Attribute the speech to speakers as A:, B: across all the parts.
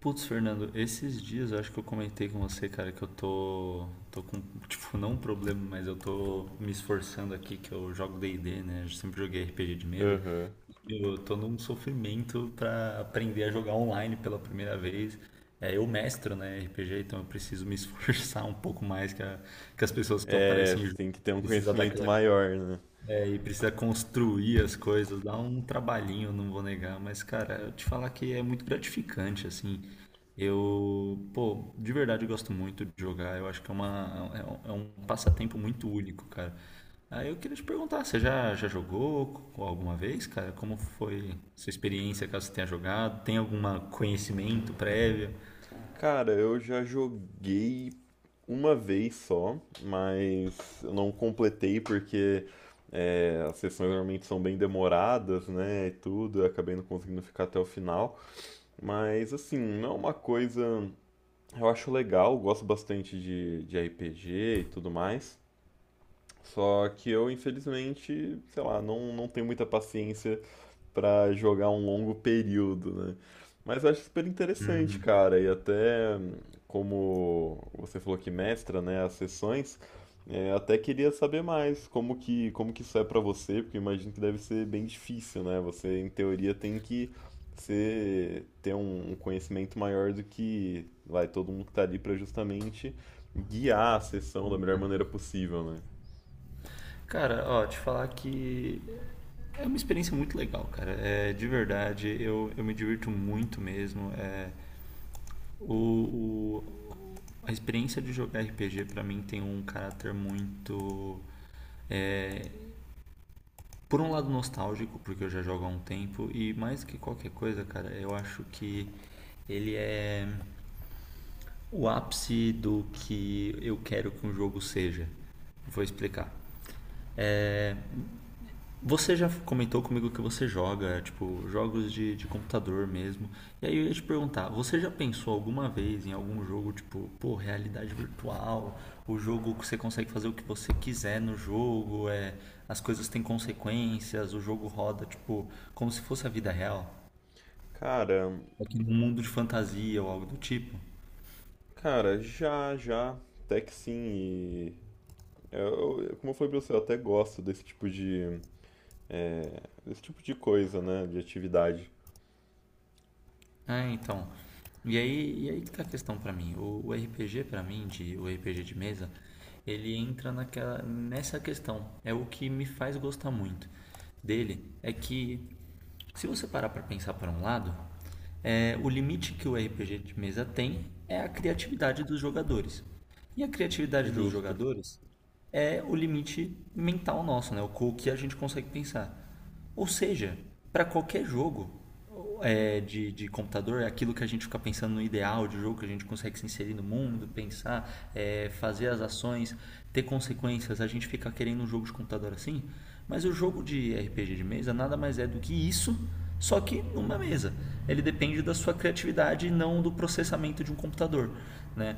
A: Putz, Fernando, esses dias eu acho que eu comentei com você, cara, que eu tô com, tipo, não um problema, mas eu tô me esforçando aqui, que eu jogo D&D, né? Eu sempre joguei RPG de mesa.
B: Aham.
A: Eu tô num sofrimento pra aprender a jogar online pela primeira vez. É, eu mestro, né, RPG, então eu preciso me esforçar um pouco mais que as pessoas que
B: É,
A: aparecem
B: você
A: junto.
B: tem que ter um
A: Precisa dar
B: conhecimento
A: aquela
B: maior, né?
A: é, e precisa construir as coisas, dá um trabalhinho, não vou negar, mas cara, eu te falar que é muito gratificante, assim. Eu, pô, de verdade eu gosto muito de jogar, eu acho que é um passatempo muito único, cara. Aí eu queria te perguntar, você já jogou alguma vez, cara? Como foi sua experiência, caso você tenha jogado? Tem algum conhecimento prévio?
B: Cara, eu já joguei uma vez só, mas eu não completei porque as sessões normalmente são bem demoradas, né? E tudo, eu acabei não conseguindo ficar até o final. Mas assim, não é uma coisa. Eu acho legal, gosto bastante de RPG e tudo mais. Só que eu, infelizmente, sei lá, não tenho muita paciência para jogar um longo período, né? Mas eu acho super interessante, cara. E até como você falou que mestra, né, as sessões, até queria saber mais como que isso é para você, porque eu imagino que deve ser bem difícil, né? Você em teoria tem que ser ter um, um conhecimento maior do que vai todo mundo que tá ali para justamente guiar a sessão da melhor maneira possível, né?
A: Cara, ó, te falar que é uma experiência muito legal, cara. É, de verdade, eu me divirto muito mesmo. O, o- a experiência de jogar RPG pra mim tem um caráter muito. Por um lado, nostálgico, porque eu já jogo há um tempo, e mais que qualquer coisa, cara, eu acho que ele é o ápice do que eu quero que um jogo seja. Vou explicar. É, você já comentou comigo que você joga, é, tipo, jogos de computador mesmo. E aí eu ia te perguntar, você já pensou alguma vez em algum jogo, tipo, pô, realidade virtual, o jogo que você consegue fazer o que você quiser no jogo, é, as coisas têm consequências, o jogo roda, tipo, como se fosse a vida real?
B: Cara,
A: Aqui num mundo de fantasia ou algo do tipo?
B: cara, até que sim. Como eu falei pra você, eu até gosto desse tipo de, é, desse tipo de coisa, né? De atividade.
A: Ah, então. E aí que tá a questão pra mim. O RPG pra mim, de, o RPG de mesa, ele entra naquela, nessa questão. É o que me faz gostar muito dele. É que, se você parar pra pensar por um lado, é, o limite que o RPG de mesa tem é a criatividade dos jogadores. E a criatividade dos
B: Justo.
A: jogadores é o limite mental nosso, né? O que a gente consegue pensar. Ou seja, para qualquer jogo, é, de computador é aquilo que a gente fica pensando no ideal de jogo, que a gente consegue se inserir no mundo, pensar, é, fazer as ações, ter consequências. A gente fica querendo um jogo de computador assim, mas o jogo de RPG de mesa nada mais é do que isso, só que numa mesa. Ele depende da sua criatividade e não do processamento de um computador, né?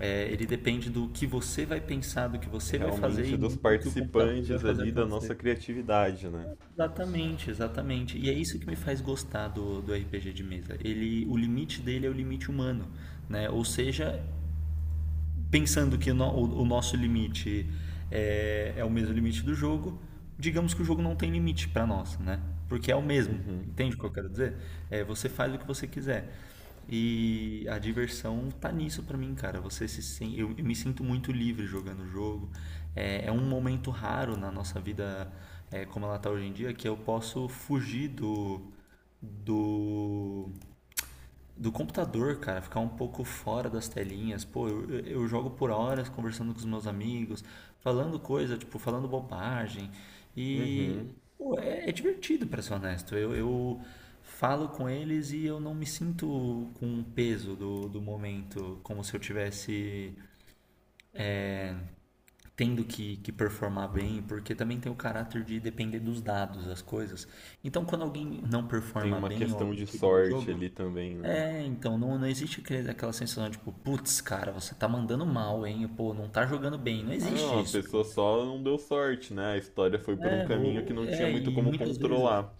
A: É, ele depende do que você vai pensar, do que você vai fazer
B: Realmente
A: e
B: dos
A: não do que o computador vai
B: participantes
A: fazer
B: ali, da nossa
A: acontecer.
B: criatividade, né?
A: Exatamente, exatamente. E é isso que me faz gostar do RPG de mesa. Ele, o limite dele é o limite humano, né? Ou seja, pensando que o nosso limite é o mesmo limite do jogo, digamos que o jogo não tem limite para nós, né? Porque é o mesmo.
B: Uhum.
A: Entende o que eu quero dizer? É, você faz o que você quiser. E a diversão tá nisso para mim, cara. Você se sen- Eu, me sinto muito livre jogando o jogo. É, é um momento raro na nossa vida, é, como ela tá hoje em dia, que eu posso fugir do do computador, cara, ficar um pouco fora das telinhas. Pô, eu jogo por horas conversando com os meus amigos, falando coisa, tipo, falando bobagem. E,
B: Uhum.
A: pô, é, é divertido, pra ser honesto. Eu falo com eles e eu não me sinto com o peso do momento, como se eu tivesse tendo que performar bem, porque também tem o caráter de depender dos dados, das coisas. Então, quando alguém não
B: Tem
A: performa
B: uma
A: bem ou algo
B: questão
A: do
B: de
A: tipo no
B: sorte
A: jogo.
B: ali também, né?
A: É, então, não existe aquela sensação tipo, putz, cara, você tá mandando mal, hein? Pô, não tá jogando bem. Não
B: Ah, não,
A: existe
B: a
A: isso,
B: pessoa
A: cara.
B: só não deu sorte, né? A história foi por um
A: É,
B: caminho que não tinha
A: é,
B: muito
A: e
B: como
A: muitas vezes.
B: controlar.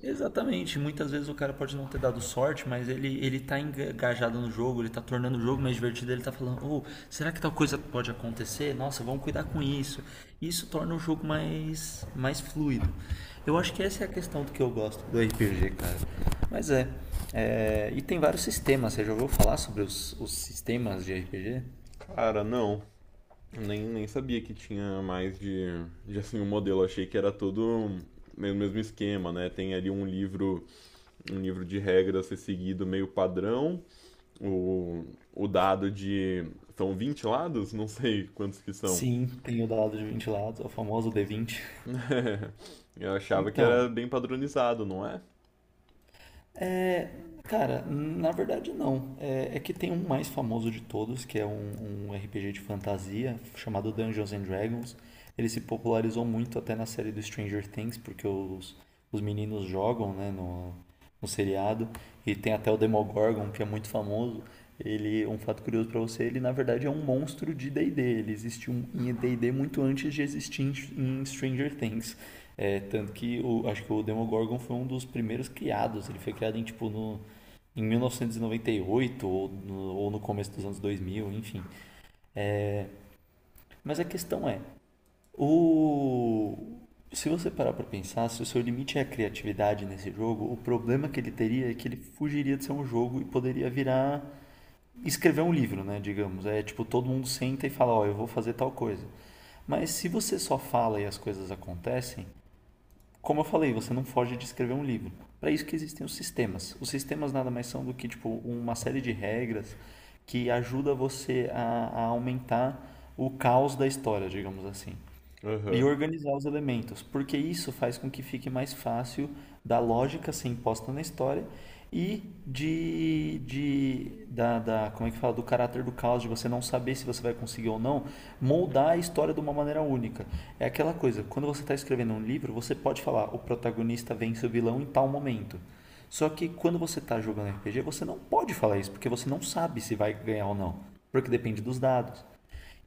A: Exatamente, muitas vezes o cara pode não ter dado sorte, mas ele tá engajado no jogo, ele tá tornando o jogo mais divertido, ele tá falando, oh, será que tal coisa pode acontecer? Nossa, vamos cuidar com isso. Isso torna o jogo mais fluido. Eu acho que essa é a questão do que eu gosto do RPG, cara. Mas e tem vários sistemas, você já ouviu falar sobre os sistemas de RPG?
B: Cara, não. Nem sabia que tinha mais de assim, um modelo. Achei que era todo o mesmo esquema, né? Tem ali um livro de regras a ser seguido meio padrão, o, o dado de. São 20 lados? Não sei quantos que são.
A: Sim, tem o dado de vinte lados, o famoso d vinte.
B: Eu achava que era
A: Então,
B: bem padronizado, não é?
A: é, cara, na verdade não. É, é que tem um mais famoso de todos, que é um RPG de fantasia chamado Dungeons and Dragons. Ele se popularizou muito até na série do Stranger Things, porque os meninos jogam, né, no, um seriado. E tem até o Demogorgon, que é muito famoso. Ele, um fato curioso pra você, ele na verdade é um monstro de D&D. Ele existiu em D&D muito antes de existir em Stranger Things. É, tanto que o, acho que o Demogorgon foi um dos primeiros criados. Ele foi criado em tipo em 1998 ou no começo dos anos 2000, enfim. Mas a questão é, o... Se você parar para pensar, se o seu limite é a criatividade nesse jogo, o problema que ele teria é que ele fugiria de ser um jogo e poderia virar escrever um livro, né? Digamos. É tipo, todo mundo senta e fala: ó, eu vou fazer tal coisa. Mas se você só fala e as coisas acontecem, como eu falei, você não foge de escrever um livro. Para isso que existem os sistemas. Os sistemas nada mais são do que tipo uma série de regras que ajuda você a aumentar o caos da história, digamos assim.
B: Aham,
A: E
B: uhum,
A: organizar os elementos, porque isso faz com que fique mais fácil da lógica ser imposta na história e de como é que fala, do caráter do caos, de você não saber se você vai conseguir ou não, moldar a história de uma maneira única. É aquela coisa, quando você está escrevendo um livro, você pode falar, o protagonista vence o vilão em tal momento. Só que quando você está jogando RPG, você não pode falar isso, porque você não sabe se vai ganhar ou não, porque depende dos dados.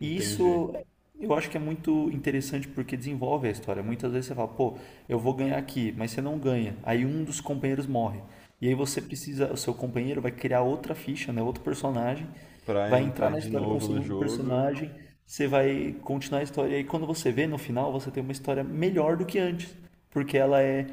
A: E
B: entendi.
A: isso eu acho que é muito interessante porque desenvolve a história. Muitas vezes você fala, pô, eu vou ganhar aqui, mas você não ganha. Aí um dos companheiros morre. E aí você precisa, o seu companheiro vai criar outra ficha, né, outro personagem,
B: Pra
A: vai entrar
B: entrar
A: na
B: de
A: história com o
B: novo no
A: segundo
B: jogo.
A: personagem, você vai continuar a história. E aí quando você vê no final, você tem uma história melhor do que antes, porque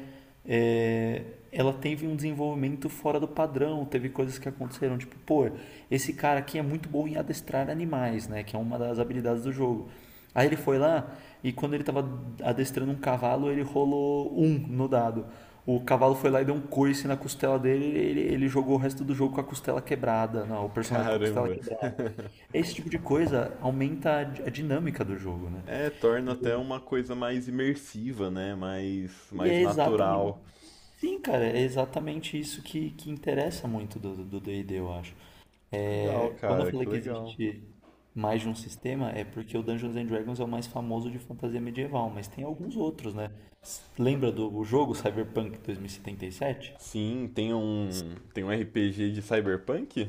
A: é, ela teve um desenvolvimento fora do padrão, teve coisas que aconteceram, tipo, pô, esse cara aqui é muito bom em adestrar animais, né, que é uma das habilidades do jogo. Aí ele foi lá e quando ele estava adestrando um cavalo, ele rolou um no dado. O cavalo foi lá e deu um coice na costela dele, ele jogou o resto do jogo com a costela quebrada, não, o personagem com a costela
B: Caramba.
A: quebrada. Esse tipo de coisa aumenta a a dinâmica do jogo, né?
B: É, torna até
A: E
B: uma coisa mais imersiva, né? Mais,
A: e
B: mais
A: é exatamente
B: natural.
A: Sim, cara, é exatamente isso que interessa muito do D&D, eu acho.
B: Que legal,
A: É, quando eu
B: cara,
A: falei
B: que
A: que
B: legal.
A: existe mais de um sistema, é porque o Dungeons and Dragons é o mais famoso de fantasia medieval, mas tem alguns outros, né? Lembra do o jogo Cyberpunk 2077?
B: Sim, tem um RPG de Cyberpunk?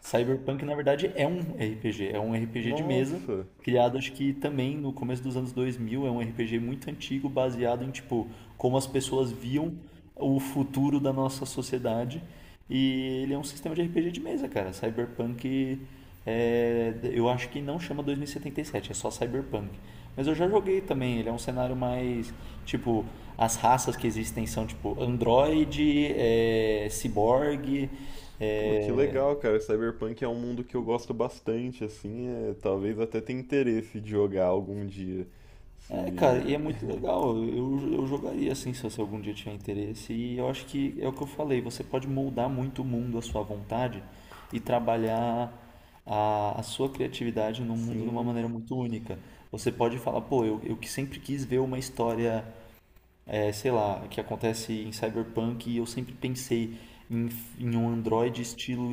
A: Cyberpunk, na verdade, é um RPG de mesa,
B: Nossa.
A: criado acho que também no começo dos anos 2000, é um RPG muito antigo, baseado em tipo como as pessoas viam o futuro da nossa sociedade. E ele é um sistema de RPG de mesa, cara. Cyberpunk é, eu acho que não chama 2077, é só Cyberpunk. Mas eu já joguei também, ele é um cenário mais. Tipo, as raças que existem são tipo Android, é, Cyborg,
B: Pô, que
A: é,
B: legal, cara. Cyberpunk é um mundo que eu gosto bastante, assim, é, talvez até tenha interesse de jogar algum dia.
A: é, cara, e
B: Se
A: é muito legal. Eu jogaria assim se você algum dia tiver interesse. E eu acho que é o que eu falei, você pode moldar muito o mundo à sua vontade e trabalhar a sua criatividade no mundo de uma
B: sim,
A: maneira muito única. Você pode falar, pô, eu que sempre quis ver uma história, é, sei lá, que acontece em Cyberpunk e eu sempre pensei em, em um androide estilo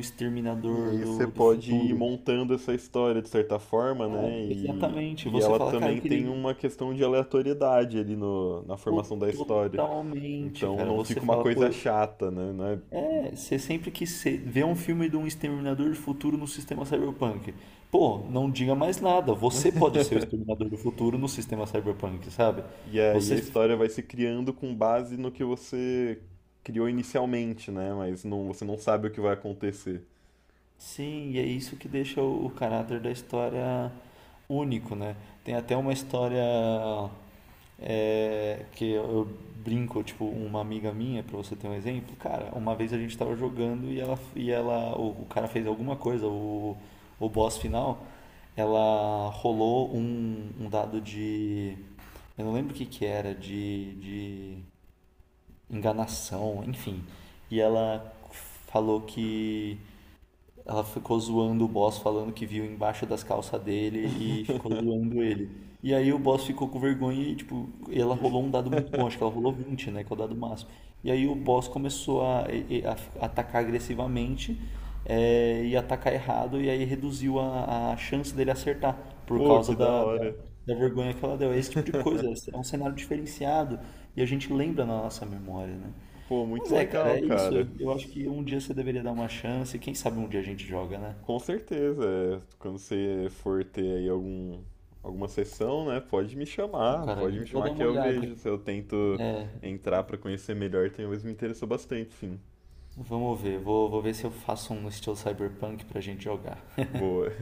B: e
A: Exterminador
B: aí você
A: do
B: pode ir
A: futuro.
B: montando essa história de certa forma, né?
A: É, exatamente.
B: E
A: Você
B: ela
A: fala, cara, eu
B: também tem
A: queria.
B: uma questão de aleatoriedade ali no, na
A: Pô,
B: formação da história.
A: totalmente,
B: Então
A: cara.
B: não
A: Você
B: fica uma
A: fala,
B: coisa
A: pô,
B: chata, né? Não é.
A: é, você sempre que cê vê um filme de um exterminador do futuro no sistema cyberpunk. Pô, não diga mais nada. Você pode ser o exterminador do futuro no sistema cyberpunk, sabe?
B: E aí
A: Você
B: a história vai se criando com base no que você criou inicialmente, né? Mas não, você não sabe o que vai acontecer.
A: sim, e é isso que deixa o caráter da história único, né? Tem até uma história é, que eu brinco, tipo, uma amiga minha, pra você ter um exemplo, cara, uma vez a gente tava jogando e ela o cara fez alguma coisa, o boss final, ela rolou um dado eu não lembro o que que era, de enganação, enfim, e ela falou que ela ficou zoando o boss, falando que viu embaixo das calças dele e ficou zoando ele. E aí o boss ficou com vergonha e, tipo, ela rolou um dado muito bom, acho que ela rolou 20 né, que é o dado máximo. E aí o boss começou a, atacar agressivamente é, e atacar errado, e aí reduziu a chance dele acertar por
B: Pô,
A: causa
B: que da
A: da, da,
B: hora.
A: da vergonha que ela deu. É esse tipo de coisa, é um cenário diferenciado e a gente lembra na nossa memória, né?
B: Pô,
A: Mas
B: muito
A: é,
B: legal,
A: cara, é isso.
B: cara.
A: Eu acho que um dia você deveria dar uma chance. Quem sabe um dia a gente joga, né?
B: Com certeza. É, quando você for ter aí algum, alguma sessão, né? Pode me
A: Ô,
B: chamar.
A: cara,
B: Pode me
A: eu vou
B: chamar
A: dar
B: que
A: uma
B: eu
A: olhada.
B: vejo. Se eu tento entrar pra conhecer melhor, talvez me interessou bastante, sim.
A: Vamos ver. Vou ver se eu faço um no estilo Cyberpunk pra gente jogar.
B: Boa.